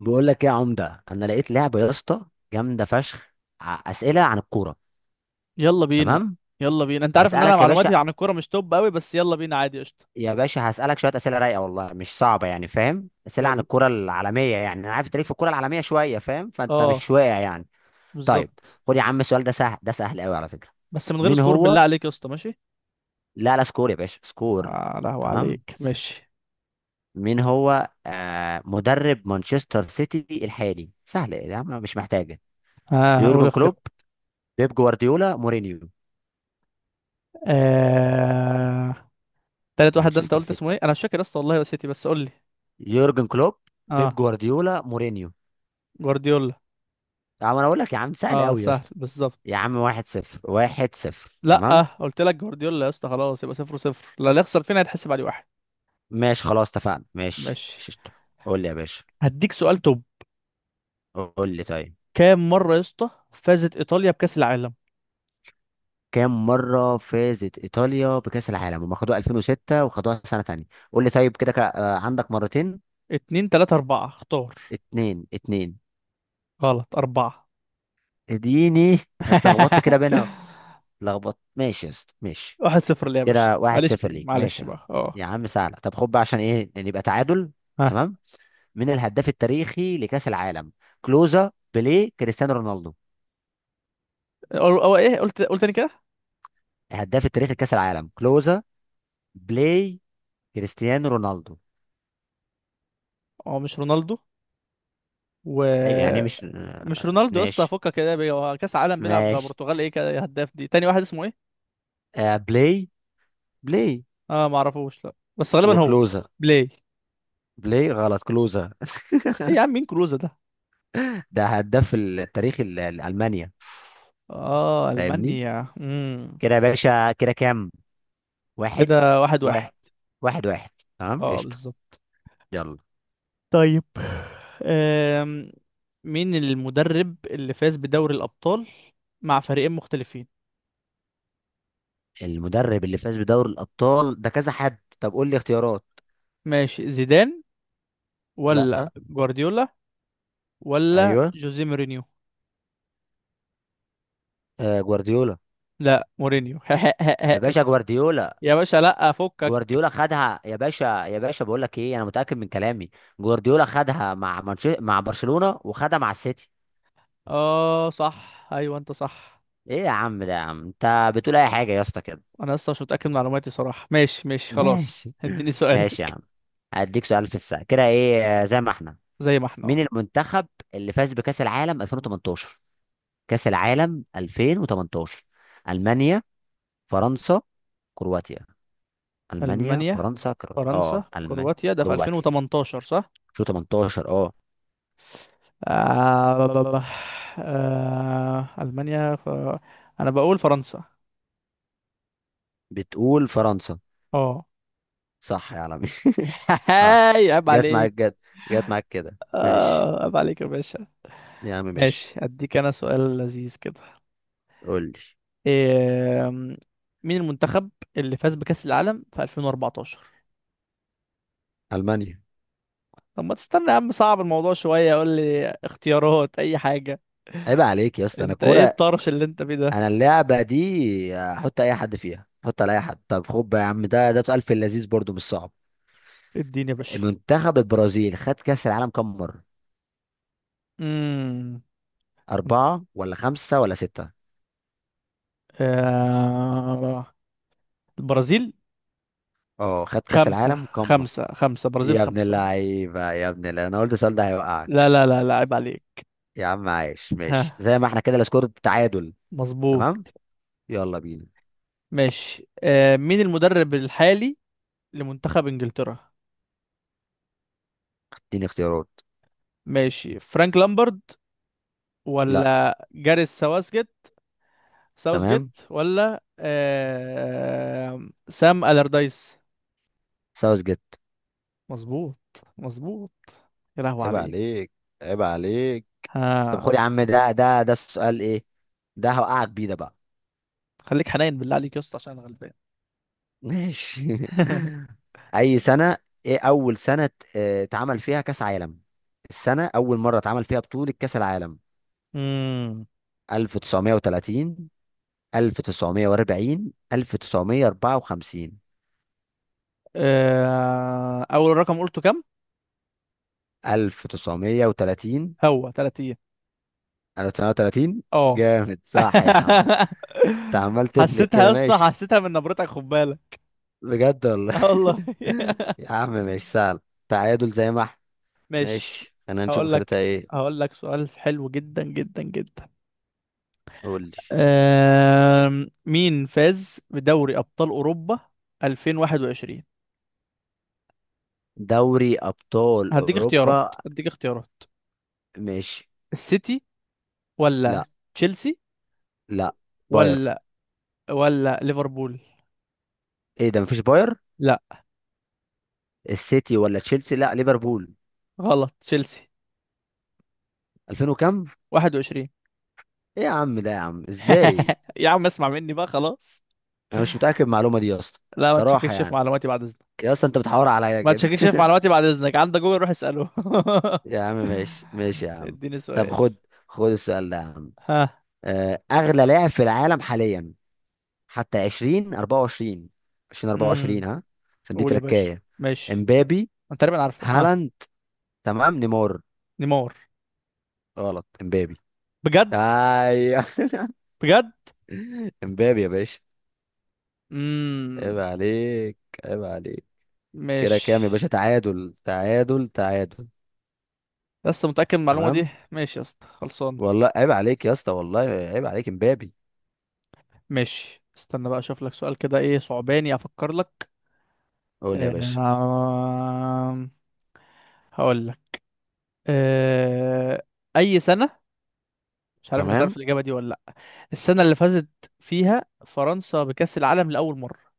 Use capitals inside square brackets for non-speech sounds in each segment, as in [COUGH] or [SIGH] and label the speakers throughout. Speaker 1: بقول لك ايه يا عمده، انا لقيت لعبه يا اسطى. جامده فشخ. اسئله عن الكوره.
Speaker 2: يلا بينا
Speaker 1: تمام.
Speaker 2: يلا بينا انت عارف ان انا
Speaker 1: هسالك يا باشا.
Speaker 2: معلوماتي عن الكوره مش توب قوي، بس يلا بينا عادي قشطه.
Speaker 1: يا باشا، هسالك شويه اسئله رايقه، والله مش صعبه يعني، فاهم؟ اسئله عن
Speaker 2: يلا.
Speaker 1: الكوره العالميه، يعني انا عارف تاريخ في الكوره العالميه شويه، فاهم؟ فانت مش
Speaker 2: اه،
Speaker 1: واقع يعني. طيب،
Speaker 2: بالظبط.
Speaker 1: خد يا عم السؤال ده سهل، ده سهل قوي على فكره.
Speaker 2: بس من غير
Speaker 1: مين
Speaker 2: سكور
Speaker 1: هو؟
Speaker 2: بالله عليك يا اسطى، ماشي.
Speaker 1: لا لا، سكور يا باشا، سكور.
Speaker 2: آه، لهو
Speaker 1: تمام.
Speaker 2: عليك ماشي.
Speaker 1: مين هو مدرب مانشستر سيتي الحالي؟ سهل يا عم، مش محتاجه.
Speaker 2: ها، آه، قول
Speaker 1: يورجن
Speaker 2: اختيار.
Speaker 1: كلوب، بيب جوارديولا، مورينيو.
Speaker 2: آه... تالت واحد ده انت
Speaker 1: مانشستر
Speaker 2: قلت اسمه
Speaker 1: سيتي.
Speaker 2: ايه؟ انا مش فاكر يا اسطى والله، نسيتي بس قول لي.
Speaker 1: يورجن كلوب، بيب
Speaker 2: اه،
Speaker 1: جوارديولا، مورينيو.
Speaker 2: جوارديولا.
Speaker 1: طب انا اقول لك يا عم، سهل
Speaker 2: اه
Speaker 1: قوي يا
Speaker 2: سهل
Speaker 1: اسطى. يا
Speaker 2: بالظبط.
Speaker 1: عم واحد صفر، واحد صفر،
Speaker 2: لا آه
Speaker 1: تمام.
Speaker 2: قلت لك جوارديولا يا اسطى، خلاص يبقى صفر صفر. لا، اللي يخسر فينا هيتحسب عليه واحد.
Speaker 1: ماشي خلاص، اتفقنا، ماشي
Speaker 2: ماشي.
Speaker 1: ششت. قول لي يا باشا.
Speaker 2: هديك سؤال توب.
Speaker 1: قول لي طيب.
Speaker 2: كام مره يا اسطى فازت ايطاليا بكاس العالم؟
Speaker 1: كام مرة فازت إيطاليا بكأس العالم؟ هم خدوها 2006 وخدوها سنة تانية. قول لي طيب كده عندك مرتين.
Speaker 2: اتنين، تلاتة، أربعة، اختار.
Speaker 1: اتنين اتنين.
Speaker 2: غلط، أربعة.
Speaker 1: اديني. اتلخبطت كده بينا.
Speaker 2: [LAUGHS]
Speaker 1: اتلخبطت، ماشي يا اسطى، ماشي.
Speaker 2: واحد صفر ليه يا باشا؟
Speaker 1: كده واحد
Speaker 2: معلش، فيه
Speaker 1: صفر ليك، ماشي
Speaker 2: معلش
Speaker 1: يا عم.
Speaker 2: بقى. اه.
Speaker 1: يا عم سهلة، طب خد بقى عشان ايه نبقى تعادل.
Speaker 2: ها.
Speaker 1: تمام. من الهداف التاريخي لكاس العالم؟ كلوزا، بيليه، كريستيانو رونالدو.
Speaker 2: هو ايه؟ قلت تاني كده.
Speaker 1: الهداف التاريخي لكاس العالم كلوزا، بلاي، كريستيانو رونالدو.
Speaker 2: هو مش رونالدو،
Speaker 1: ايوه يعني مش،
Speaker 2: ومش رونالدو يا اسطى،
Speaker 1: ماشي.
Speaker 2: فكك كده بيه. هو كأس عالم بيلعب مع
Speaker 1: ماشي.
Speaker 2: البرتغال، ايه كده؟ إيه هداف دي تاني؟ واحد اسمه ايه.
Speaker 1: بلاي. بلاي
Speaker 2: اه ما اعرفوش، لا بس غالبا هو
Speaker 1: وكلوزا.
Speaker 2: بلاي.
Speaker 1: بلاي غلط، كلوزا.
Speaker 2: ايه يا عم؟ مين كلوزا ده؟
Speaker 1: ده هداف التاريخي لألمانيا.
Speaker 2: اه،
Speaker 1: فاهمني.
Speaker 2: المانيا.
Speaker 1: كده يا باشا كده كام؟ واحد،
Speaker 2: كده واحد واحد.
Speaker 1: واحد واحد، واحد، تمام
Speaker 2: اه،
Speaker 1: قشطة.
Speaker 2: بالظبط.
Speaker 1: يلا.
Speaker 2: طيب. أم... مين المدرب اللي فاز بدوري الأبطال مع فريقين مختلفين؟
Speaker 1: المدرب اللي فاز بدوري الأبطال ده كذا حد، طب قول لي اختيارات.
Speaker 2: ماشي، زيدان
Speaker 1: لا.
Speaker 2: ولا جوارديولا ولا
Speaker 1: ايوه.
Speaker 2: جوزيه مورينيو.
Speaker 1: جوارديولا.
Speaker 2: لا مورينيو.
Speaker 1: يا باشا
Speaker 2: [LAUGHS]
Speaker 1: جوارديولا.
Speaker 2: يا باشا لا فكك.
Speaker 1: جوارديولا خدها يا باشا. يا باشا بقول لك ايه، انا متاكد من كلامي. جوارديولا خدها مع مع برشلونه، وخدها مع السيتي.
Speaker 2: اه صح، ايوه انت صح.
Speaker 1: ايه يا عم ده؟ يا عم انت بتقول اي حاجه يا اسطى كده.
Speaker 2: انا اصلا مش متاكد من معلوماتي صراحه. ماشي
Speaker 1: [LAUGHS]
Speaker 2: ماشي خلاص،
Speaker 1: ماشي.
Speaker 2: اديني
Speaker 1: ماشي يا
Speaker 2: سؤالك.
Speaker 1: عم. هديك سؤال في الساعه كده، ايه زي ما احنا.
Speaker 2: زي ما احنا اهو.
Speaker 1: مين المنتخب اللي فاز بكاس العالم 2018؟ كاس العالم 2018. المانيا، فرنسا، كرواتيا. المانيا
Speaker 2: المانيا
Speaker 1: فرنسا كرواتيا،
Speaker 2: فرنسا
Speaker 1: اه المانيا،
Speaker 2: كرواتيا ده في
Speaker 1: كرواتيا،
Speaker 2: 2018 صح؟
Speaker 1: 2018، اه.
Speaker 2: آه... المانيا انا بقول فرنسا.
Speaker 1: بتقول فرنسا؟
Speaker 2: اه.
Speaker 1: صح يا عالمي، [LAUGHS]
Speaker 2: [LAUGHS]
Speaker 1: صح.
Speaker 2: هاي عيب
Speaker 1: جت
Speaker 2: عليك.
Speaker 1: معاك، جت. جت معاك كده، ماشي.
Speaker 2: اه عيب عليك يا باشا.
Speaker 1: يا عم ماشي.
Speaker 2: ماشي، اديك انا سؤال لذيذ كده.
Speaker 1: قول لي.
Speaker 2: إيه؟ مين المنتخب اللي فاز بكأس العالم في 2014؟
Speaker 1: المانيا.
Speaker 2: طب ما تستنى يا عم، صعب الموضوع شوية، قول لي اختيارات اي حاجة.
Speaker 1: عيب عليك يا اسطى، انا
Speaker 2: انت ايه
Speaker 1: الكوره.
Speaker 2: الطرش اللي انت فيه
Speaker 1: انا
Speaker 2: ده؟
Speaker 1: اللعبه دي احط اي حد فيها، احط على اي حد. طب خد بقى يا عم، ده سؤال في اللذيذ برضو مش صعب.
Speaker 2: اديني يا باشا.
Speaker 1: منتخب البرازيل خد كاس العالم كم مره؟
Speaker 2: امم
Speaker 1: اربعه ولا خمسه ولا سته؟
Speaker 2: آه... البرازيل.
Speaker 1: اه، خد كاس
Speaker 2: خمسة،
Speaker 1: العالم كم مره.
Speaker 2: خمسة، خمسة، برازيل
Speaker 1: يا ابن
Speaker 2: خمسة.
Speaker 1: اللعيبه، يا ابن اللعيبه، انا قلت السؤال ده
Speaker 2: لا
Speaker 1: هيوقعك.
Speaker 2: لا لا لا، عيب عليك.
Speaker 1: يا عم عايش. ماشي
Speaker 2: ها،
Speaker 1: زي ما احنا، كده السكور تعادل.
Speaker 2: مظبوط.
Speaker 1: تمام. يلا بينا.
Speaker 2: ماشي. مين المدرب الحالي لمنتخب انجلترا؟
Speaker 1: اديني اختيارات.
Speaker 2: ماشي، فرانك لامبرد
Speaker 1: لا.
Speaker 2: ولا جاريث ساوثجيت. ساوثجيت
Speaker 1: تمام.
Speaker 2: ولا سام ألردايس.
Speaker 1: ساوث جيت.
Speaker 2: مظبوط. مظبوط. يا لهوي
Speaker 1: عيب
Speaker 2: عليه.
Speaker 1: عليك، عيب عليك. طب خد
Speaker 2: ها.
Speaker 1: يا عم، ده السؤال ايه. ده هوقعك بيه ده بقى.
Speaker 2: خليك حنين بالله عليك يا اسطى، عشان انا غلبان.
Speaker 1: ماشي. [LAUGHS]
Speaker 2: [LAUGHS]
Speaker 1: اي سنة؟ ايه اول سنة اه، اتعمل فيها كاس عالم؟ السنة اول مرة اتعمل فيها بطولة كاس العالم.
Speaker 2: امم
Speaker 1: 1930، 1940، 1954.
Speaker 2: اول رقم قلته كام؟
Speaker 1: 1930.
Speaker 2: هو 30؟
Speaker 1: 1930.
Speaker 2: اه.
Speaker 1: جامد، صح يا عم.
Speaker 2: [LAUGHS]
Speaker 1: انت عمال تفلك
Speaker 2: حسيتها
Speaker 1: كده،
Speaker 2: يا اسطى،
Speaker 1: ماشي.
Speaker 2: حسيتها من نبرتك، خد بالك.
Speaker 1: بجد والله.
Speaker 2: اه والله. [LAUGHS]
Speaker 1: يا عم مش سهل. تعادل زي ما احنا.
Speaker 2: ماشي.
Speaker 1: ماشي، خلينا نشوف
Speaker 2: هقول
Speaker 1: اخرتها
Speaker 2: لك،
Speaker 1: ايه.
Speaker 2: هقول لك سؤال حلو جدا جدا جدا.
Speaker 1: قول لي.
Speaker 2: مين فاز بدوري أبطال أوروبا 2021؟
Speaker 1: دوري ابطال
Speaker 2: هديك
Speaker 1: اوروبا.
Speaker 2: اختيارات، هديك اختيارات.
Speaker 1: ماشي.
Speaker 2: السيتي ولا
Speaker 1: لا.
Speaker 2: تشيلسي
Speaker 1: لا. باير.
Speaker 2: ولا ولا ليفربول.
Speaker 1: ايه ده، مفيش باير.
Speaker 2: لا.
Speaker 1: السيتي ولا تشيلسي، لا ليفربول.
Speaker 2: غلط، تشيلسي
Speaker 1: 2000 وكم؟
Speaker 2: 21.
Speaker 1: ايه يا عم ده؟ يا عم ازاي!
Speaker 2: [LAUGHS] يا عم اسمع مني بقى خلاص.
Speaker 1: انا مش متاكد من المعلومه دي يا اسطى.
Speaker 2: لا، ما
Speaker 1: بصراحه
Speaker 2: تشككش في
Speaker 1: يعني.
Speaker 2: معلوماتي بعد إذنك.
Speaker 1: يا اسطى انت بتحاور عليا
Speaker 2: ما
Speaker 1: كده.
Speaker 2: تشككش
Speaker 1: [LAUGHS]
Speaker 2: في معلوماتي بعد إذنك، عندك جوجل روح اسأله.
Speaker 1: يا عم ماشي، ماشي يا
Speaker 2: [LAUGHS]
Speaker 1: عم.
Speaker 2: اديني
Speaker 1: طب
Speaker 2: سؤال.
Speaker 1: خد. خد السؤال ده يا عم.
Speaker 2: ها.
Speaker 1: اغلى لاعب في العالم حاليا، حتى 2024، 2024،
Speaker 2: امم
Speaker 1: ها. عشان دي
Speaker 2: قول يا باشا.
Speaker 1: تركايه.
Speaker 2: ماشي،
Speaker 1: امبابي،
Speaker 2: انا تقريبا عارفه. ها.
Speaker 1: هالاند، تمام نيمار.
Speaker 2: نيمار.
Speaker 1: غلط، امبابي.
Speaker 2: بجد.
Speaker 1: ايوه.
Speaker 2: بجد.
Speaker 1: [LAUGHS] امبابي يا باشا. عيب
Speaker 2: امم
Speaker 1: عليك، عيب عليك. كده
Speaker 2: ماشي.
Speaker 1: كام يا باشا، تعادل تعادل تعادل.
Speaker 2: لسه متأكد من المعلومة دي؟
Speaker 1: تمام.
Speaker 2: ماشي يا اسطى، خلصانة.
Speaker 1: والله عيب عليك يا اسطى، والله عيب عليك. امبابي.
Speaker 2: ماشي، استنى بقى اشوف لك سؤال كده، ايه صعباني افكر لك.
Speaker 1: قول لي يا باشا.
Speaker 2: آه... هقول لك. آه... اي سنة؟ مش عارف انت
Speaker 1: تمام.
Speaker 2: هتعرف الاجابة دي ولا لا. السنة اللي فازت فيها فرنسا بكأس العالم لأول مرة.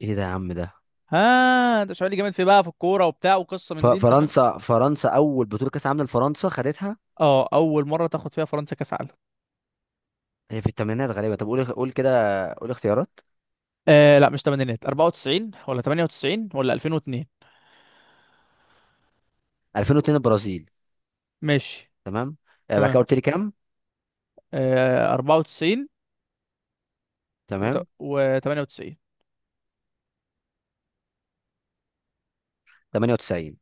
Speaker 1: ايه ده يا عم ده.
Speaker 2: ها، انت مش عارف؟ جامد في بقى في الكورة وبتاع وقصة
Speaker 1: ف-
Speaker 2: من دي، انت فاهم.
Speaker 1: فرنسا فرنسا اول بطوله كاس عالم لفرنسا خدتها.
Speaker 2: اه، اول مرة تاخد فيها فرنسا كأس عالم.
Speaker 1: هي في الثمانينات غالبا، طب قول كده. قول اختيارات.
Speaker 2: آه لا، مش تمانينات. 94 ولا 98 ولا 2002.
Speaker 1: 2002 البرازيل.
Speaker 2: ماشي.
Speaker 1: تمام. بعد
Speaker 2: تمام.
Speaker 1: كده قلت لي كام.
Speaker 2: آه، 94
Speaker 1: تمام.
Speaker 2: و 98.
Speaker 1: 98.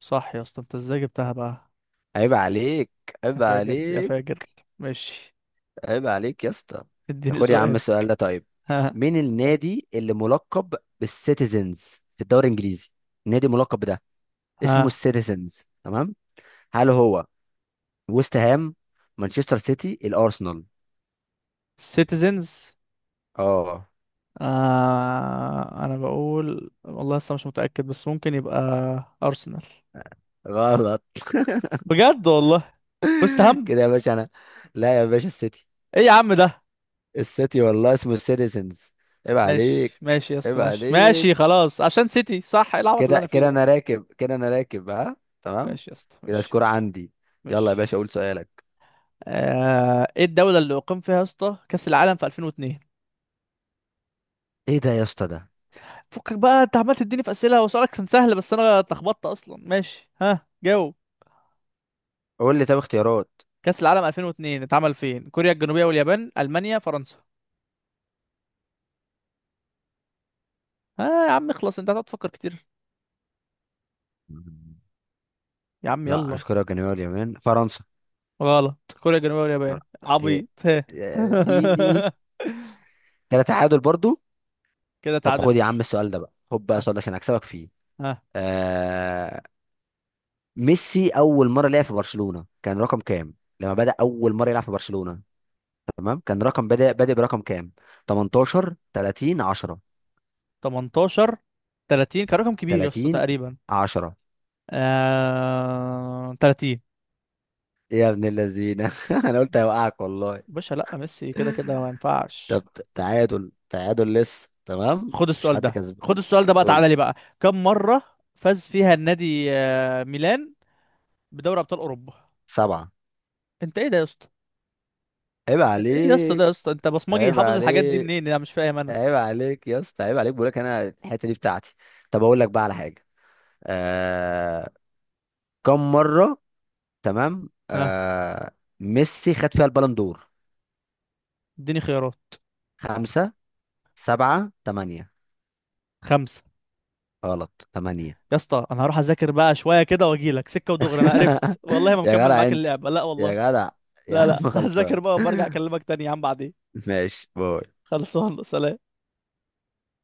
Speaker 2: صح يا اسطى، انت ازاي جبتها بقى؟
Speaker 1: عيب عليك،
Speaker 2: يا
Speaker 1: عيب
Speaker 2: فاجر يا
Speaker 1: عليك.
Speaker 2: فاجر. ماشي،
Speaker 1: عيب عليك يا اسطى.
Speaker 2: اديني
Speaker 1: خد يا عم
Speaker 2: سؤال.
Speaker 1: السؤال ده طيب.
Speaker 2: [LAUGHS] ها.
Speaker 1: مين النادي اللي ملقب بالسيتيزنز في الدوري الانجليزي؟ نادي ملقب بده، اسمه
Speaker 2: ها.
Speaker 1: السيتيزنز، تمام. هل هو ويست هام، مانشستر سيتي، الارسنال؟
Speaker 2: سيتيزنز.
Speaker 1: اه.
Speaker 2: آه، انا بقول والله لسه مش متأكد، بس ممكن يبقى ارسنال.
Speaker 1: غلط.
Speaker 2: بجد والله. وست
Speaker 1: [LAUGHS]
Speaker 2: هام.
Speaker 1: كده يا باشا انا. لا يا باشا، السيتي.
Speaker 2: ايه يا عم ده؟
Speaker 1: السيتي والله اسمه السيتيزنز. عيب عليك،
Speaker 2: ماشي ماشي يا اسطى
Speaker 1: عيب
Speaker 2: ماشي
Speaker 1: عليك.
Speaker 2: ماشي خلاص، عشان سيتي صح. ايه العبط اللي
Speaker 1: كده
Speaker 2: انا فيه
Speaker 1: كده
Speaker 2: ده؟
Speaker 1: انا راكب، كده انا راكب، ها. تمام.
Speaker 2: ماشي يا اسطى،
Speaker 1: كده
Speaker 2: ماشي
Speaker 1: سكور
Speaker 2: ماشي
Speaker 1: عندي. يلا يا
Speaker 2: ماشي.
Speaker 1: باشا قول سؤالك.
Speaker 2: ايه الدولة اللي أقيم فيها يا اسطى كأس العالم في 2002؟
Speaker 1: ايه ده يا اسطى ده.
Speaker 2: فكك بقى، انت عمال تديني في أسئلة وسؤالك كان سهل بس انا اتلخبطت اصلا. ماشي، ها جاوب.
Speaker 1: قول لي طب اختيارات.
Speaker 2: كأس العالم 2002 اتعمل فين؟ كوريا الجنوبية واليابان، ألمانيا، فرنسا؟ ها يا عم اخلص، انت هتقعد تفكر كتير.
Speaker 1: مم.
Speaker 2: يا عم
Speaker 1: لا،
Speaker 2: يلا.
Speaker 1: مش كوريا الجنوبية واليابان، فرنسا.
Speaker 2: غلط، كوريا الجنوبية
Speaker 1: لا.
Speaker 2: واليابان
Speaker 1: ايه.
Speaker 2: عبيط. ها.
Speaker 1: اديني.
Speaker 2: [LAUGHS]
Speaker 1: كده تعادل برضو.
Speaker 2: كده
Speaker 1: طب
Speaker 2: تعادل يا
Speaker 1: خد يا عم
Speaker 2: باشا.
Speaker 1: السؤال ده بقى، خد بقى
Speaker 2: ها.
Speaker 1: السؤال ده عشان اكسبك فيه.
Speaker 2: ها.
Speaker 1: آه... ميسي اول مره لعب في برشلونه كان رقم كام؟ لما بدأ اول مره يلعب في برشلونه. تمام، كان رقم بادئ برقم كام؟ 18، 30، 10.
Speaker 2: 18، 30 كان رقم كبير يا اسطى
Speaker 1: 30.
Speaker 2: تقريبا.
Speaker 1: 10.
Speaker 2: 30.
Speaker 1: يا ابن اللذينه. [LAUGHS] انا قلت هيوقعك والله.
Speaker 2: باشا لا، ميسي كده كده ما ينفعش.
Speaker 1: طب. تعادل، تعادل لسه، تمام
Speaker 2: خد
Speaker 1: مفيش
Speaker 2: السؤال
Speaker 1: حد
Speaker 2: ده،
Speaker 1: كسبان.
Speaker 2: خد السؤال ده بقى، تعالى
Speaker 1: قول.
Speaker 2: لي بقى. كم مرة فاز فيها النادي ميلان بدوري ابطال اوروبا؟
Speaker 1: سبعة.
Speaker 2: انت ايه ده يا اسطى؟
Speaker 1: عيب
Speaker 2: انت ايه يا اسطى ده
Speaker 1: عليك،
Speaker 2: يا اسطى، انت بصمجي،
Speaker 1: عيب
Speaker 2: حافظ الحاجات دي
Speaker 1: عليك.
Speaker 2: منين؟ انا مش فاهم انا.
Speaker 1: عيب عليك يا اسطى، عيب عليك. بقولك انا الحتة دي بتاعتي. طب اقول لك بقى على حاجة. آه... كم مرة، تمام،
Speaker 2: ها.
Speaker 1: ميسي خد فيها البالون دور.
Speaker 2: اديني خيارات.
Speaker 1: خمسة، سبعة، تمانية.
Speaker 2: خمسة.
Speaker 1: غلط، تمانية.
Speaker 2: يا اسطى انا هروح اذاكر بقى شوية كده واجيلك سكة ودغري، انا قرفت
Speaker 1: [LAUGHS]
Speaker 2: والله ما
Speaker 1: يا
Speaker 2: مكمل
Speaker 1: جدع
Speaker 2: معاك
Speaker 1: انت.
Speaker 2: اللعبة، لا
Speaker 1: يا
Speaker 2: والله.
Speaker 1: جدع. يا
Speaker 2: لا
Speaker 1: عم
Speaker 2: لا. [LAUGHS]
Speaker 1: خلصان.
Speaker 2: هذاكر بقى وبرجع
Speaker 1: [LAUGHS]
Speaker 2: اكلمك تاني يا عم بعدين.
Speaker 1: ماشي باي.
Speaker 2: خلصان، سلام.